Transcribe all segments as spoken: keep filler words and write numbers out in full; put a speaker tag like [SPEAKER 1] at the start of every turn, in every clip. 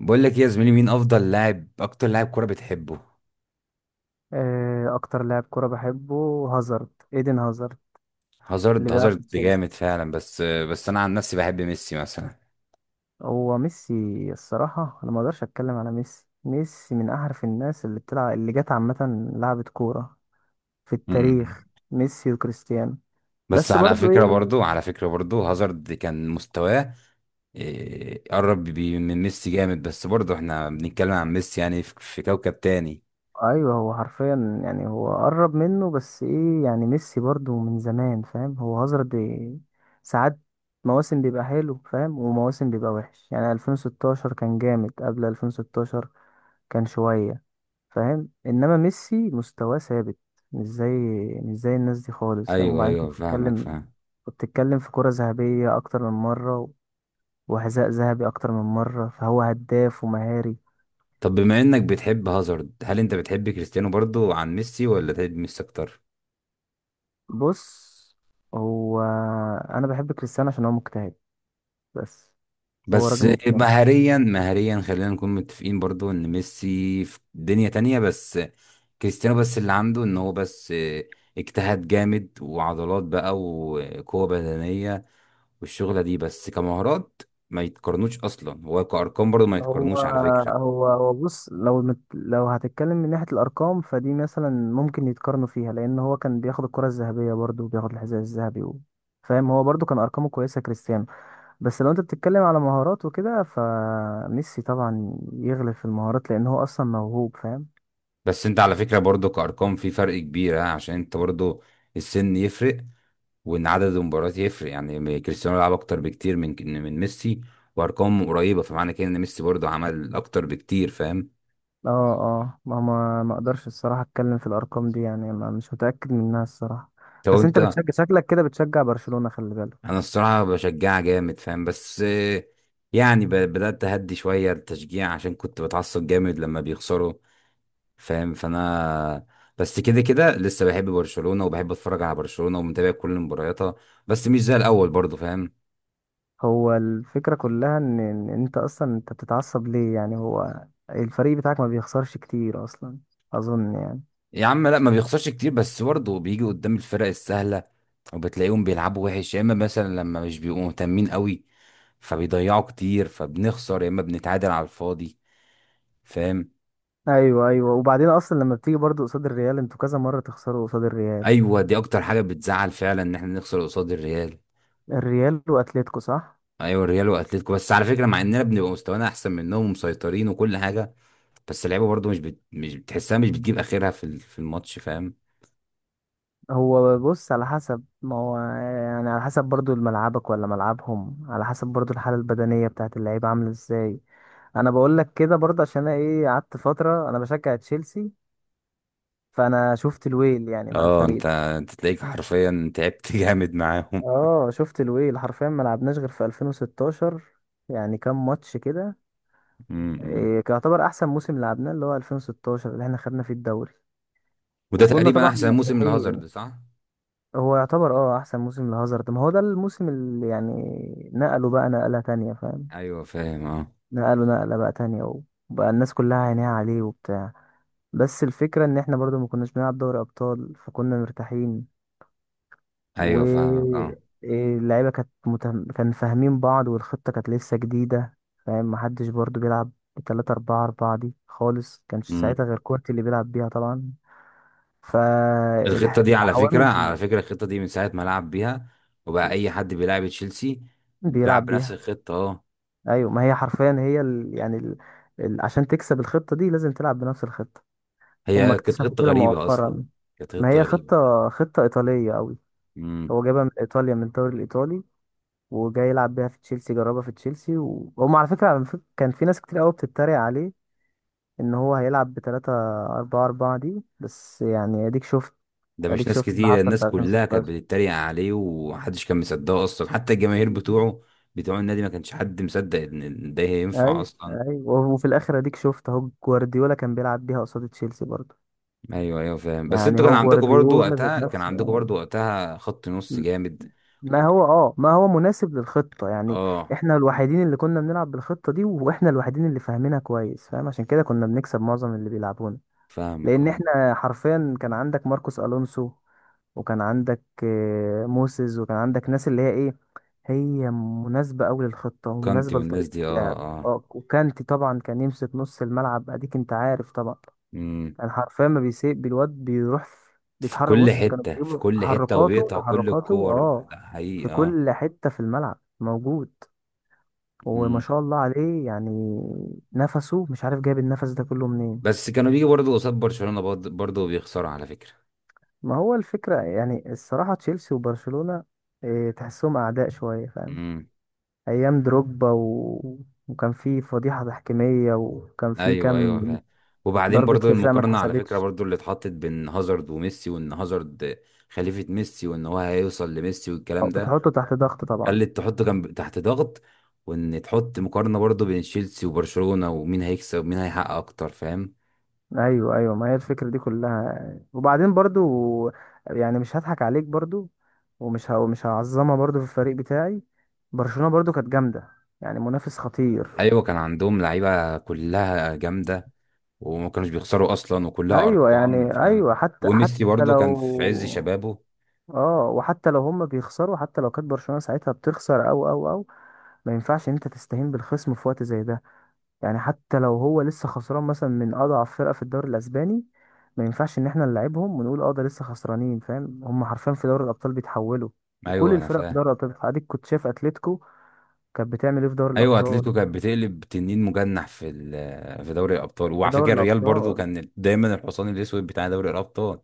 [SPEAKER 1] بقول لك إيه يا زميلي، مين افضل لاعب، اكتر لاعب كوره بتحبه؟
[SPEAKER 2] آه، اكتر لاعب كرة بحبه، هازارد، ايدن هازارد،
[SPEAKER 1] هازارد،
[SPEAKER 2] اللي بيلعب في
[SPEAKER 1] هازارد
[SPEAKER 2] تشيلسي.
[SPEAKER 1] جامد فعلا. بس بس انا عن نفسي بحب ميسي مثلا.
[SPEAKER 2] هو ميسي؟ الصراحة انا ما اقدرش اتكلم على ميسي. ميسي من احرف الناس اللي بتلعب، اللي جت عامة لعبة كورة في
[SPEAKER 1] أمم.
[SPEAKER 2] التاريخ، ميسي وكريستيانو.
[SPEAKER 1] بس
[SPEAKER 2] بس
[SPEAKER 1] على
[SPEAKER 2] برضو
[SPEAKER 1] فكره
[SPEAKER 2] ايه؟
[SPEAKER 1] برضو، على فكره برضو هازارد كان مستواه إيه، قرب بي- من ميسي جامد. بس برضو احنا بنتكلم عن ميسي، يعني في في كوكب تاني.
[SPEAKER 2] ايوه، هو حرفيا يعني هو قرب منه، بس ايه يعني ميسي برضو من زمان، فاهم؟ هو هازارد إيه، ساعات مواسم بيبقى حلو فاهم ومواسم بيبقى وحش. يعني ألفين وستاشر كان جامد، قبل ألفين وستاشر كان شوية فاهم. انما ميسي مستواه ثابت، مش زي مش زي الناس دي خالص فاهم.
[SPEAKER 1] ايوه
[SPEAKER 2] وبعدين
[SPEAKER 1] ايوه،
[SPEAKER 2] انت
[SPEAKER 1] فاهمك
[SPEAKER 2] بتتكلم،
[SPEAKER 1] فاهم.
[SPEAKER 2] بتتكلم في كرة ذهبية اكتر من مرة وحذاء ذهبي اكتر من مرة، فهو هداف ومهاري.
[SPEAKER 1] طب بما انك بتحب هازارد، هل انت بتحب كريستيانو برضو عن ميسي، ولا تحب ميسي اكتر؟
[SPEAKER 2] بص، هو انا بحب كريستيانو عشان هو مجتهد بس. هو راجل
[SPEAKER 1] بس
[SPEAKER 2] مجتهد.
[SPEAKER 1] مهريا مهريا خلينا نكون متفقين برضو ان ميسي في دنيا تانية. بس كريستيانو بس اللي عنده ان هو بس اجتهاد جامد وعضلات بقى وقوة بدنية، والشغلة دي بس. كمهارات ما يتقارنوش اصلا، هو كأرقام برضو ما
[SPEAKER 2] هو
[SPEAKER 1] يتقارنوش على فكرة.
[SPEAKER 2] هو هو بص، لو مت لو هتتكلم من ناحية الأرقام فدي مثلا ممكن يتقارنوا فيها، لأن هو كان بياخد الكرة الذهبية برضه وبياخد الحذاء الذهبي و-، فاهم، هو برضه كان أرقامه كويسة كريستيانو. بس لو انت بتتكلم على مهارات وكده، فميسي طبعا يغلب في المهارات لان هو اصلا موهوب فاهم.
[SPEAKER 1] بس انت على فكرة برضو كأرقام في فرق كبير، ها، عشان انت برضو، السن يفرق، وان عدد المباريات يفرق. يعني كريستيانو لعب اكتر بكتير من من ميسي وارقام قريبه، فمعنى كده ان ميسي برضه عمل اكتر بكتير، فاهم؟
[SPEAKER 2] اه اه، ما ما ما اقدرش الصراحه اتكلم في الارقام دي، يعني ما مش متاكد منها الصراحه.
[SPEAKER 1] طب
[SPEAKER 2] بس انت
[SPEAKER 1] انت،
[SPEAKER 2] بتشجع، شكلك كده بتشجع برشلونه، خلي بالك.
[SPEAKER 1] انا الصراحه بشجع جامد فاهم، بس آه، يعني ب- بدات اهدي شويه التشجيع عشان كنت بتعصب جامد لما بيخسروا، فاهم؟ فانا بس كده كده لسه بحب برشلونه وبحب اتفرج على برشلونه ومتابع كل مبارياتها، بس مش زي الاول برضه، فاهم؟
[SPEAKER 2] هو الفكره كلها ان ان انت اصلا، انت بتتعصب ليه؟ يعني هو الفريق بتاعك ما بيخسرش كتير اصلا، اظن يعني.
[SPEAKER 1] يا عم لا ما بيخسرش كتير، بس برضه بيجي قدام الفرق السهلة وبتلاقيهم بيلعبوا وحش، يا اما مثلا لما مش بيبقوا مهتمين قوي فبيضيعوا كتير فبنخسر، يا اما بنتعادل على الفاضي، فاهم؟
[SPEAKER 2] ايوه ايوه، وبعدين اصلا لما بتيجي برضو قصاد الريال انتوا كذا مره تخسروا قصاد الريال.
[SPEAKER 1] ايوه، دي اكتر حاجة بتزعل فعلا، ان احنا نخسر قصاد الريال.
[SPEAKER 2] الريال واتليتيكو، صح؟
[SPEAKER 1] ايوه الريال واتلتيكو، بس على فكرة مع اننا بنبقى مستوانا احسن منهم ومسيطرين وكل حاجة، بس اللعيبة برضه مش بت... مش بتحسها، مش بتجيب اخرها في ال- في الماتش، فاهم؟
[SPEAKER 2] هو بص، على حسب ما هو، يعني على حسب برضو ملعبك ولا ملعبهم، على حسب برضو الحالة البدنية بتاعت اللعيبة عاملة ازاي. انا بقول لك كده برضه عشان انا ايه، قعدت فترة انا بشجع تشيلسي فانا شفت الويل يعني مع
[SPEAKER 1] اه
[SPEAKER 2] الفريق
[SPEAKER 1] انت،
[SPEAKER 2] ده.
[SPEAKER 1] انت تلاقيك حرفيا تعبت جامد معاهم.
[SPEAKER 2] اه شفت الويل حرفيا، ما لعبناش غير في ألفين وستاشر يعني كام ماتش كده.
[SPEAKER 1] م- م.
[SPEAKER 2] إيه، كان يعتبر احسن موسم لعبناه اللي هو ألفين وستاشر اللي احنا خدنا فيه الدوري
[SPEAKER 1] وده
[SPEAKER 2] وكنا
[SPEAKER 1] تقريبا
[SPEAKER 2] طبعا
[SPEAKER 1] احسن موسم لهازارد،
[SPEAKER 2] مرتاحين.
[SPEAKER 1] صح؟
[SPEAKER 2] هو يعتبر اه احسن موسم لهازارد، ما هو ده الموسم اللي يعني نقله بقى نقلة تانية فاهم.
[SPEAKER 1] ايوه فاهم اه.
[SPEAKER 2] نقله نقلة بقى تانية، وبقى الناس كلها عينيها عليه وبتاع. بس الفكرة ان احنا برضو ما كناش بنلعب دوري ابطال فكنا مرتاحين.
[SPEAKER 1] ايوه فاهمك
[SPEAKER 2] و
[SPEAKER 1] اه.
[SPEAKER 2] إيه، اللعيبة كانت متهم... كان فاهمين بعض والخطة كانت لسه جديدة فاهم، محدش برضو بيلعب بتلاتة أربعة أربعة دي خالص، كانش
[SPEAKER 1] امم.
[SPEAKER 2] ساعتها غير كورتي اللي بيلعب بيها طبعا.
[SPEAKER 1] الخطه دي على فكره،
[SPEAKER 2] فالعوامل
[SPEAKER 1] على فكره الخطه دي من ساعه ما لعب بيها وبقى اي حد بيلعب تشيلسي بيلعب
[SPEAKER 2] بيلعب
[SPEAKER 1] بنفس
[SPEAKER 2] بيها.
[SPEAKER 1] الخطه، اه.
[SPEAKER 2] ايوه، ما هي حرفيا هي ال... يعني ال... ال... عشان تكسب الخطه دي لازم تلعب بنفس الخطه. هم
[SPEAKER 1] هي كانت
[SPEAKER 2] اكتشفوا
[SPEAKER 1] خطه
[SPEAKER 2] كده
[SPEAKER 1] غريبه اصلا،
[SPEAKER 2] مؤخرا.
[SPEAKER 1] كانت
[SPEAKER 2] ما
[SPEAKER 1] خطه
[SPEAKER 2] هي
[SPEAKER 1] غريبه.
[SPEAKER 2] خطه، خطه ايطاليه قوي،
[SPEAKER 1] امم.
[SPEAKER 2] هو جايبها من ايطاليا من الدوري الايطالي وجاي يلعب بيها في تشيلسي، جربها في تشيلسي، وهم على فكره على فكرة كان في ناس كتير قوي بتتريق عليه ان هو هيلعب ب ثلاثة أربعة أربعة دي، بس يعني اديك شفت
[SPEAKER 1] ده مش
[SPEAKER 2] اديك
[SPEAKER 1] ناس
[SPEAKER 2] شفت اللي
[SPEAKER 1] كتيره،
[SPEAKER 2] حصل في
[SPEAKER 1] الناس كلها كانت
[SPEAKER 2] ألفين وستاشر.
[SPEAKER 1] بتتريق عليه ومحدش كان مصدقه اصلا، حتى الجماهير بتوعه بتوع النادي ما كانش حد مصدق ان ده هينفع
[SPEAKER 2] ايوه
[SPEAKER 1] اصلا.
[SPEAKER 2] ايوه، وفي الاخر اديك شفت اهو جوارديولا كان بيلعب بيها قصاد تشيلسي برضه،
[SPEAKER 1] ايوه ايوه فاهم. بس
[SPEAKER 2] يعني
[SPEAKER 1] انتوا كان
[SPEAKER 2] هو
[SPEAKER 1] عندكم برضو
[SPEAKER 2] جوارديولا ذات
[SPEAKER 1] وقتها، كان
[SPEAKER 2] نفسه.
[SPEAKER 1] عندكم برضو وقتها خط نص جامد
[SPEAKER 2] ما هو اه، ما هو مناسب للخطة يعني.
[SPEAKER 1] اه.
[SPEAKER 2] احنا الوحيدين اللي كنا بنلعب بالخطة دي واحنا الوحيدين اللي فاهمينها كويس فاهم، عشان كده كنا بنكسب معظم اللي بيلعبونا.
[SPEAKER 1] فاهمك
[SPEAKER 2] لان
[SPEAKER 1] اه.
[SPEAKER 2] احنا حرفيا كان عندك ماركوس الونسو، وكان عندك آه، موسيز، وكان عندك ناس اللي هي ايه، هي مناسبة أوي للخطة
[SPEAKER 1] كانتي
[SPEAKER 2] ومناسبة
[SPEAKER 1] والناس
[SPEAKER 2] لطريقة
[SPEAKER 1] دي، اه
[SPEAKER 2] اللعب.
[SPEAKER 1] اه.
[SPEAKER 2] اه، وكانتي طبعا كان يمسك نص الملعب، اديك انت عارف طبعا.
[SPEAKER 1] امم.
[SPEAKER 2] كان حرفيا ما بيسيب الواد، بيروح في-،
[SPEAKER 1] في
[SPEAKER 2] بيتحرك،
[SPEAKER 1] كل
[SPEAKER 2] بص كانوا
[SPEAKER 1] حتة، في
[SPEAKER 2] بيجيبوا
[SPEAKER 1] كل حتة،
[SPEAKER 2] تحركاته
[SPEAKER 1] وبيقطع كل
[SPEAKER 2] تحركاته،
[SPEAKER 1] الكور، ده
[SPEAKER 2] اه،
[SPEAKER 1] ده حقيقي
[SPEAKER 2] في
[SPEAKER 1] اه.
[SPEAKER 2] كل حتة في الملعب موجود، وما
[SPEAKER 1] امم.
[SPEAKER 2] شاء الله عليه يعني، نفسه، مش عارف جايب النفس ده كله منين.
[SPEAKER 1] بس كانوا بيجي برضه قصاد برشلونة برضه، برضه وبيخسروا على فكرة.
[SPEAKER 2] ما هو الفكرة يعني، الصراحة تشيلسي وبرشلونة إيه، تحسهم أعداء شوية فاهم.
[SPEAKER 1] امم.
[SPEAKER 2] أيام دروجبا و... وكان في فضيحة تحكيمية، وكان في
[SPEAKER 1] ايوه
[SPEAKER 2] كام
[SPEAKER 1] ايوه فاهم. وبعدين
[SPEAKER 2] ضربة
[SPEAKER 1] برضه
[SPEAKER 2] جزاء ما
[SPEAKER 1] المقارنة على فكرة
[SPEAKER 2] اتحسبتش،
[SPEAKER 1] برضه، اللي اتحطت بين هازارد وميسي، وان هازارد خليفة ميسي، وان هو هيوصل لميسي والكلام
[SPEAKER 2] أو
[SPEAKER 1] ده،
[SPEAKER 2] بتحطه تحت ضغط طبعا.
[SPEAKER 1] خلت تحطه كان تحت ضغط. وان تحط مقارنة برضه بين تشيلسي وبرشلونة، ومين هيكسب ومين هيحقق اكتر، فاهم؟
[SPEAKER 2] ايوه ايوه، ما هي الفكره دي كلها، وبعدين برضو يعني مش هضحك عليك برضو، ومش ه... مش هعظمها برضو في الفريق بتاعي. برشلونه برضو كانت جامده، يعني منافس خطير.
[SPEAKER 1] ايوه كان عندهم لعيبه كلها جامده، وما كانوش بيخسروا اصلا، وكلها
[SPEAKER 2] ايوه، يعني
[SPEAKER 1] ارقام،
[SPEAKER 2] اه
[SPEAKER 1] فاهم؟
[SPEAKER 2] ايوه حتى حتى
[SPEAKER 1] وميسي برضه كان في عز
[SPEAKER 2] لو،
[SPEAKER 1] شبابه.
[SPEAKER 2] اه، وحتى لو هم بيخسروا، حتى لو كانت برشلونه ساعتها بتخسر، او او او، ما ينفعش ان انت تستهين بالخصم في وقت زي ده، يعني حتى لو هو لسه خسران مثلا من اضعف فرقه في الدوري الاسباني، ما ينفعش ان احنا نلعبهم ونقول اه ده لسه خسرانين فاهم، هم حرفيا في دوري الابطال بيتحولوا، وكل
[SPEAKER 1] ايوه انا
[SPEAKER 2] الفرق في
[SPEAKER 1] فاهم.
[SPEAKER 2] دوري الابطال بتتحول. اديك كنت شايف اتلتيكو كانت بتعمل ايه في دوري
[SPEAKER 1] ايوه
[SPEAKER 2] الابطال.
[SPEAKER 1] اتلتيكو كانت بتقلب تنين مجنح في ال- في دوري الابطال.
[SPEAKER 2] في
[SPEAKER 1] وعلى فكره
[SPEAKER 2] دوري
[SPEAKER 1] الريال برضه
[SPEAKER 2] الابطال
[SPEAKER 1] كان دايما الحصان الاسود بتاع دوري الابطال.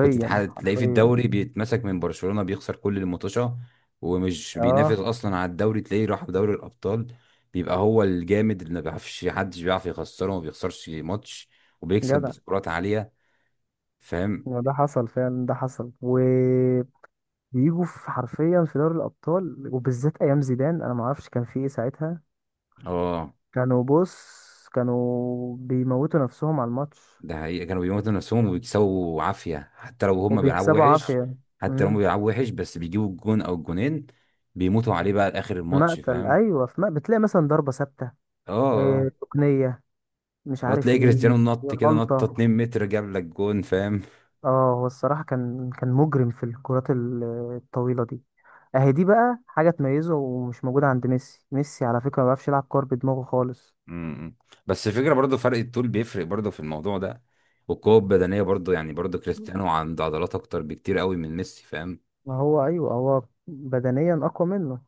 [SPEAKER 1] كنت تح- تلاقيه في
[SPEAKER 2] حرفيا.
[SPEAKER 1] الدوري بيتمسك من برشلونه، بيخسر كل الماتشات، ومش بينافس
[SPEAKER 2] اه،
[SPEAKER 1] اصلا على الدوري، تلاقيه راح في دوري الابطال بيبقى هو الجامد اللي ما بيعرفش، حدش بيعرف يخسره وما بيخسرش ماتش، وبيكسب
[SPEAKER 2] جدع.
[SPEAKER 1] بسكورات عاليه، فاهم؟
[SPEAKER 2] ما ده حصل فعلا، ده حصل وبيجوا في، حرفيا في دوري الابطال، وبالذات ايام زيدان انا ما اعرفش كان في ايه ساعتها.
[SPEAKER 1] اه.
[SPEAKER 2] كانوا بص كانوا بيموتوا نفسهم على الماتش
[SPEAKER 1] ده حقيقة، كانوا بيموتوا نفسهم وبيكسبوا عافية حتى لو هم بيلعبوا
[SPEAKER 2] وبيكسبوا
[SPEAKER 1] وحش.
[SPEAKER 2] عافية.
[SPEAKER 1] حتى لو هم
[SPEAKER 2] امم،
[SPEAKER 1] بيلعبوا وحش، بس بيجيبوا الجون او الجونين، بيموتوا عليه بقى لاخر
[SPEAKER 2] في
[SPEAKER 1] الماتش،
[SPEAKER 2] مقتل،
[SPEAKER 1] فاهم؟
[SPEAKER 2] ايوه، في مقتل. بتلاقي مثلا ضربة ثابتة
[SPEAKER 1] اه
[SPEAKER 2] إيه
[SPEAKER 1] اه.
[SPEAKER 2] تقنية، مش
[SPEAKER 1] آه،
[SPEAKER 2] عارف
[SPEAKER 1] تلاقي
[SPEAKER 2] ايه،
[SPEAKER 1] كريستيانو نط كده نطة
[SPEAKER 2] غلطة.
[SPEAKER 1] اتنين متر متر، جاب لك جون، فاهم؟
[SPEAKER 2] اه، هو الصراحة كان كان مجرم في الكرات ال- الطويلة دي. اهي دي بقى حاجة تميزه ومش موجودة عند ميسي، ميسي على فكرة ما بيعرفش يلعب كور بدماغه خالص.
[SPEAKER 1] امم. بس الفكرة برضو فرق الطول بيفرق برضو في الموضوع ده، والقوة البدنية برضو. يعني برضو كريستيانو عنده عضلات اكتر بكتير قوي من ميسي، فاهم؟
[SPEAKER 2] ما هو ايوه، هو بدنيا اقوى منه،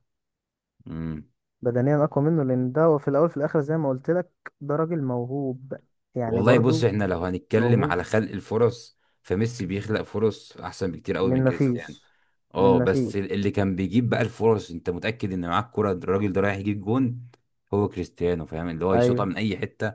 [SPEAKER 1] امم.
[SPEAKER 2] بدنيا اقوى منه، لان ده هو في الاول في الاخر زي ما قلت لك، ده راجل موهوب، يعني
[SPEAKER 1] والله بص،
[SPEAKER 2] برضو
[SPEAKER 1] احنا لو هنتكلم
[SPEAKER 2] موهوب.
[SPEAKER 1] على خلق الفرص فميسي بيخلق فرص احسن بكتير قوي من
[SPEAKER 2] من ما
[SPEAKER 1] كريستيانو.
[SPEAKER 2] فيش من
[SPEAKER 1] اه.
[SPEAKER 2] ما فيش
[SPEAKER 1] بس اللي كان بيجيب بقى الفرص، انت متأكد ان معاك كرة الراجل ده رايح يجيب جون، هو كريستيانو، فاهم؟ اللي هو يشوطها من اي حتة،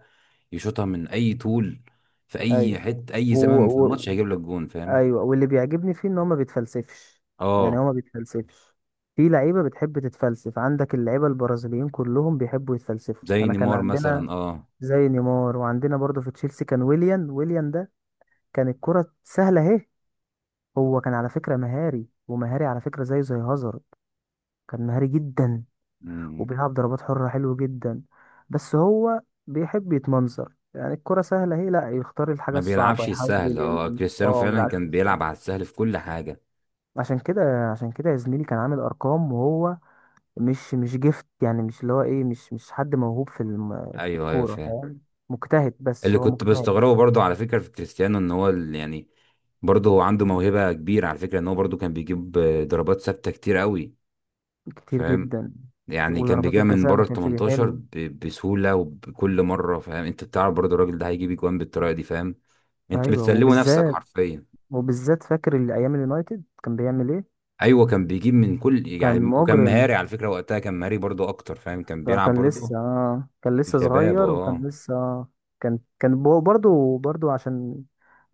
[SPEAKER 1] يشوطها من اي طول، في اي
[SPEAKER 2] ايوه،
[SPEAKER 1] حتة اي
[SPEAKER 2] و...
[SPEAKER 1] زمن في الماتش
[SPEAKER 2] و...
[SPEAKER 1] هيجيب لك جون، فاهم؟
[SPEAKER 2] ايوه واللي بيعجبني فيه ان هو ما بيتفلسفش، يعني
[SPEAKER 1] اه.
[SPEAKER 2] هو ما بيتفلسفش. في لعيبه بتحب تتفلسف، عندك اللعيبه البرازيليين كلهم بيحبوا يتفلسفوا،
[SPEAKER 1] زي
[SPEAKER 2] انا كان
[SPEAKER 1] نيمار
[SPEAKER 2] عندنا
[SPEAKER 1] مثلا اه.
[SPEAKER 2] زي نيمار، وعندنا برضه في تشيلسي كان ويليان. ويليان ده كان الكره سهله اهي، هو كان على فكره مهاري، ومهاري على فكره زيه زي هازارد، كان مهاري جدا
[SPEAKER 1] مم.
[SPEAKER 2] وبيلعب ضربات حره حلو جدا. بس هو بيحب يتمنظر، يعني الكرة سهلة اهي، لا يختار الحاجة
[SPEAKER 1] ما
[SPEAKER 2] الصعبة،
[SPEAKER 1] بيلعبش
[SPEAKER 2] يحاول
[SPEAKER 1] السهل اه،
[SPEAKER 2] يلم،
[SPEAKER 1] كريستيانو
[SPEAKER 2] اه ما
[SPEAKER 1] فعلا
[SPEAKER 2] بيلعبش.
[SPEAKER 1] كان بيلعب على السهل في كل حاجة.
[SPEAKER 2] عشان كده عشان كده يا زميلي كان عامل ارقام، وهو مش مش جيفت يعني، مش اللي هو ايه، مش مش حد موهوب في الم... في
[SPEAKER 1] ايوه ايوه
[SPEAKER 2] الكوره
[SPEAKER 1] فاهم.
[SPEAKER 2] فاهم، مجتهد، بس
[SPEAKER 1] اللي
[SPEAKER 2] هو
[SPEAKER 1] كنت
[SPEAKER 2] مجتهد.
[SPEAKER 1] بستغربه برضو على فكرة في كريستيانو، ان هو ال- يعني برضو هو عنده موهبة كبيرة على فكرة. ان هو برضو كان بيجيب آه، ضربات ثابتة كتير قوي،
[SPEAKER 2] كتير
[SPEAKER 1] فاهم؟
[SPEAKER 2] جدا،
[SPEAKER 1] يعني كان
[SPEAKER 2] وضربات
[SPEAKER 1] بيجيبها من
[SPEAKER 2] الجزاء
[SPEAKER 1] بره
[SPEAKER 2] ما
[SPEAKER 1] ال
[SPEAKER 2] كانش
[SPEAKER 1] التمنتاشر
[SPEAKER 2] بيحل.
[SPEAKER 1] ب- بسهولة وبكل مرة. فاهم انت، بتعرف برضو الراجل ده هيجيب اجوان بالطريقة دي، فاهم؟ انت
[SPEAKER 2] ايوه،
[SPEAKER 1] بتسلمه نفسك
[SPEAKER 2] وبالذات
[SPEAKER 1] حرفيا.
[SPEAKER 2] وبالذات فاكر اللي ايام اليونايتد كان بيعمل ايه.
[SPEAKER 1] ايوه كان بيجيب من كل
[SPEAKER 2] كان
[SPEAKER 1] يعني. وكان
[SPEAKER 2] مجرم.
[SPEAKER 1] مهاري على فكرة وقتها، كان مهاري برضو اكتر، فاهم؟ كان بيلعب
[SPEAKER 2] كان
[SPEAKER 1] برضو
[SPEAKER 2] لسه آه كان
[SPEAKER 1] في
[SPEAKER 2] لسه
[SPEAKER 1] شباب
[SPEAKER 2] صغير، وكان
[SPEAKER 1] اه.
[SPEAKER 2] لسه آه كان كان بو- برضه برضه عشان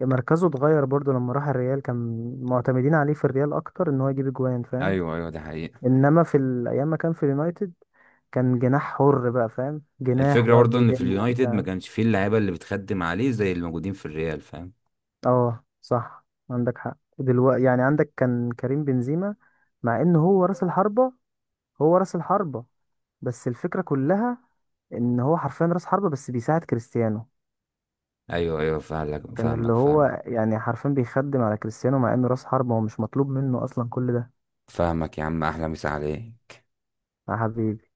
[SPEAKER 2] مركزه اتغير برضه لما راح الريال، كان معتمدين عليه في الريال اكتر ان هو يجيب اجوان فاهم.
[SPEAKER 1] ايوه ايوه ده حقيقة.
[SPEAKER 2] انما في ال- ايام ما كان في اليونايتد كان جناح حر بقى فاهم، جناح
[SPEAKER 1] الفكرة
[SPEAKER 2] يقعد
[SPEAKER 1] برضو ان في
[SPEAKER 2] يلم
[SPEAKER 1] اليونايتد ما
[SPEAKER 2] وبتاع.
[SPEAKER 1] كانش فيه اللعيبة اللي بتخدم عليه زي اللي موجودين في الريال، فاهم؟
[SPEAKER 2] اه صح، عندك حق دلوقتي، يعني عندك كان كريم بنزيما، مع ان هو راس الحربة، هو راس الحربة، بس الفكرة كلها ان هو حرفيا راس حربة بس بيساعد كريستيانو.
[SPEAKER 1] ايوه ايوه فاهمك
[SPEAKER 2] كان اللي
[SPEAKER 1] فاهمك
[SPEAKER 2] هو
[SPEAKER 1] فاهمك.
[SPEAKER 2] يعني حرفيا بيخدم على كريستيانو مع انه راس حربة، هو مش مطلوب منه اصلا كل ده.
[SPEAKER 1] فاهمك يا عم، احلى مسا عليه.
[SPEAKER 2] يا حبيبي.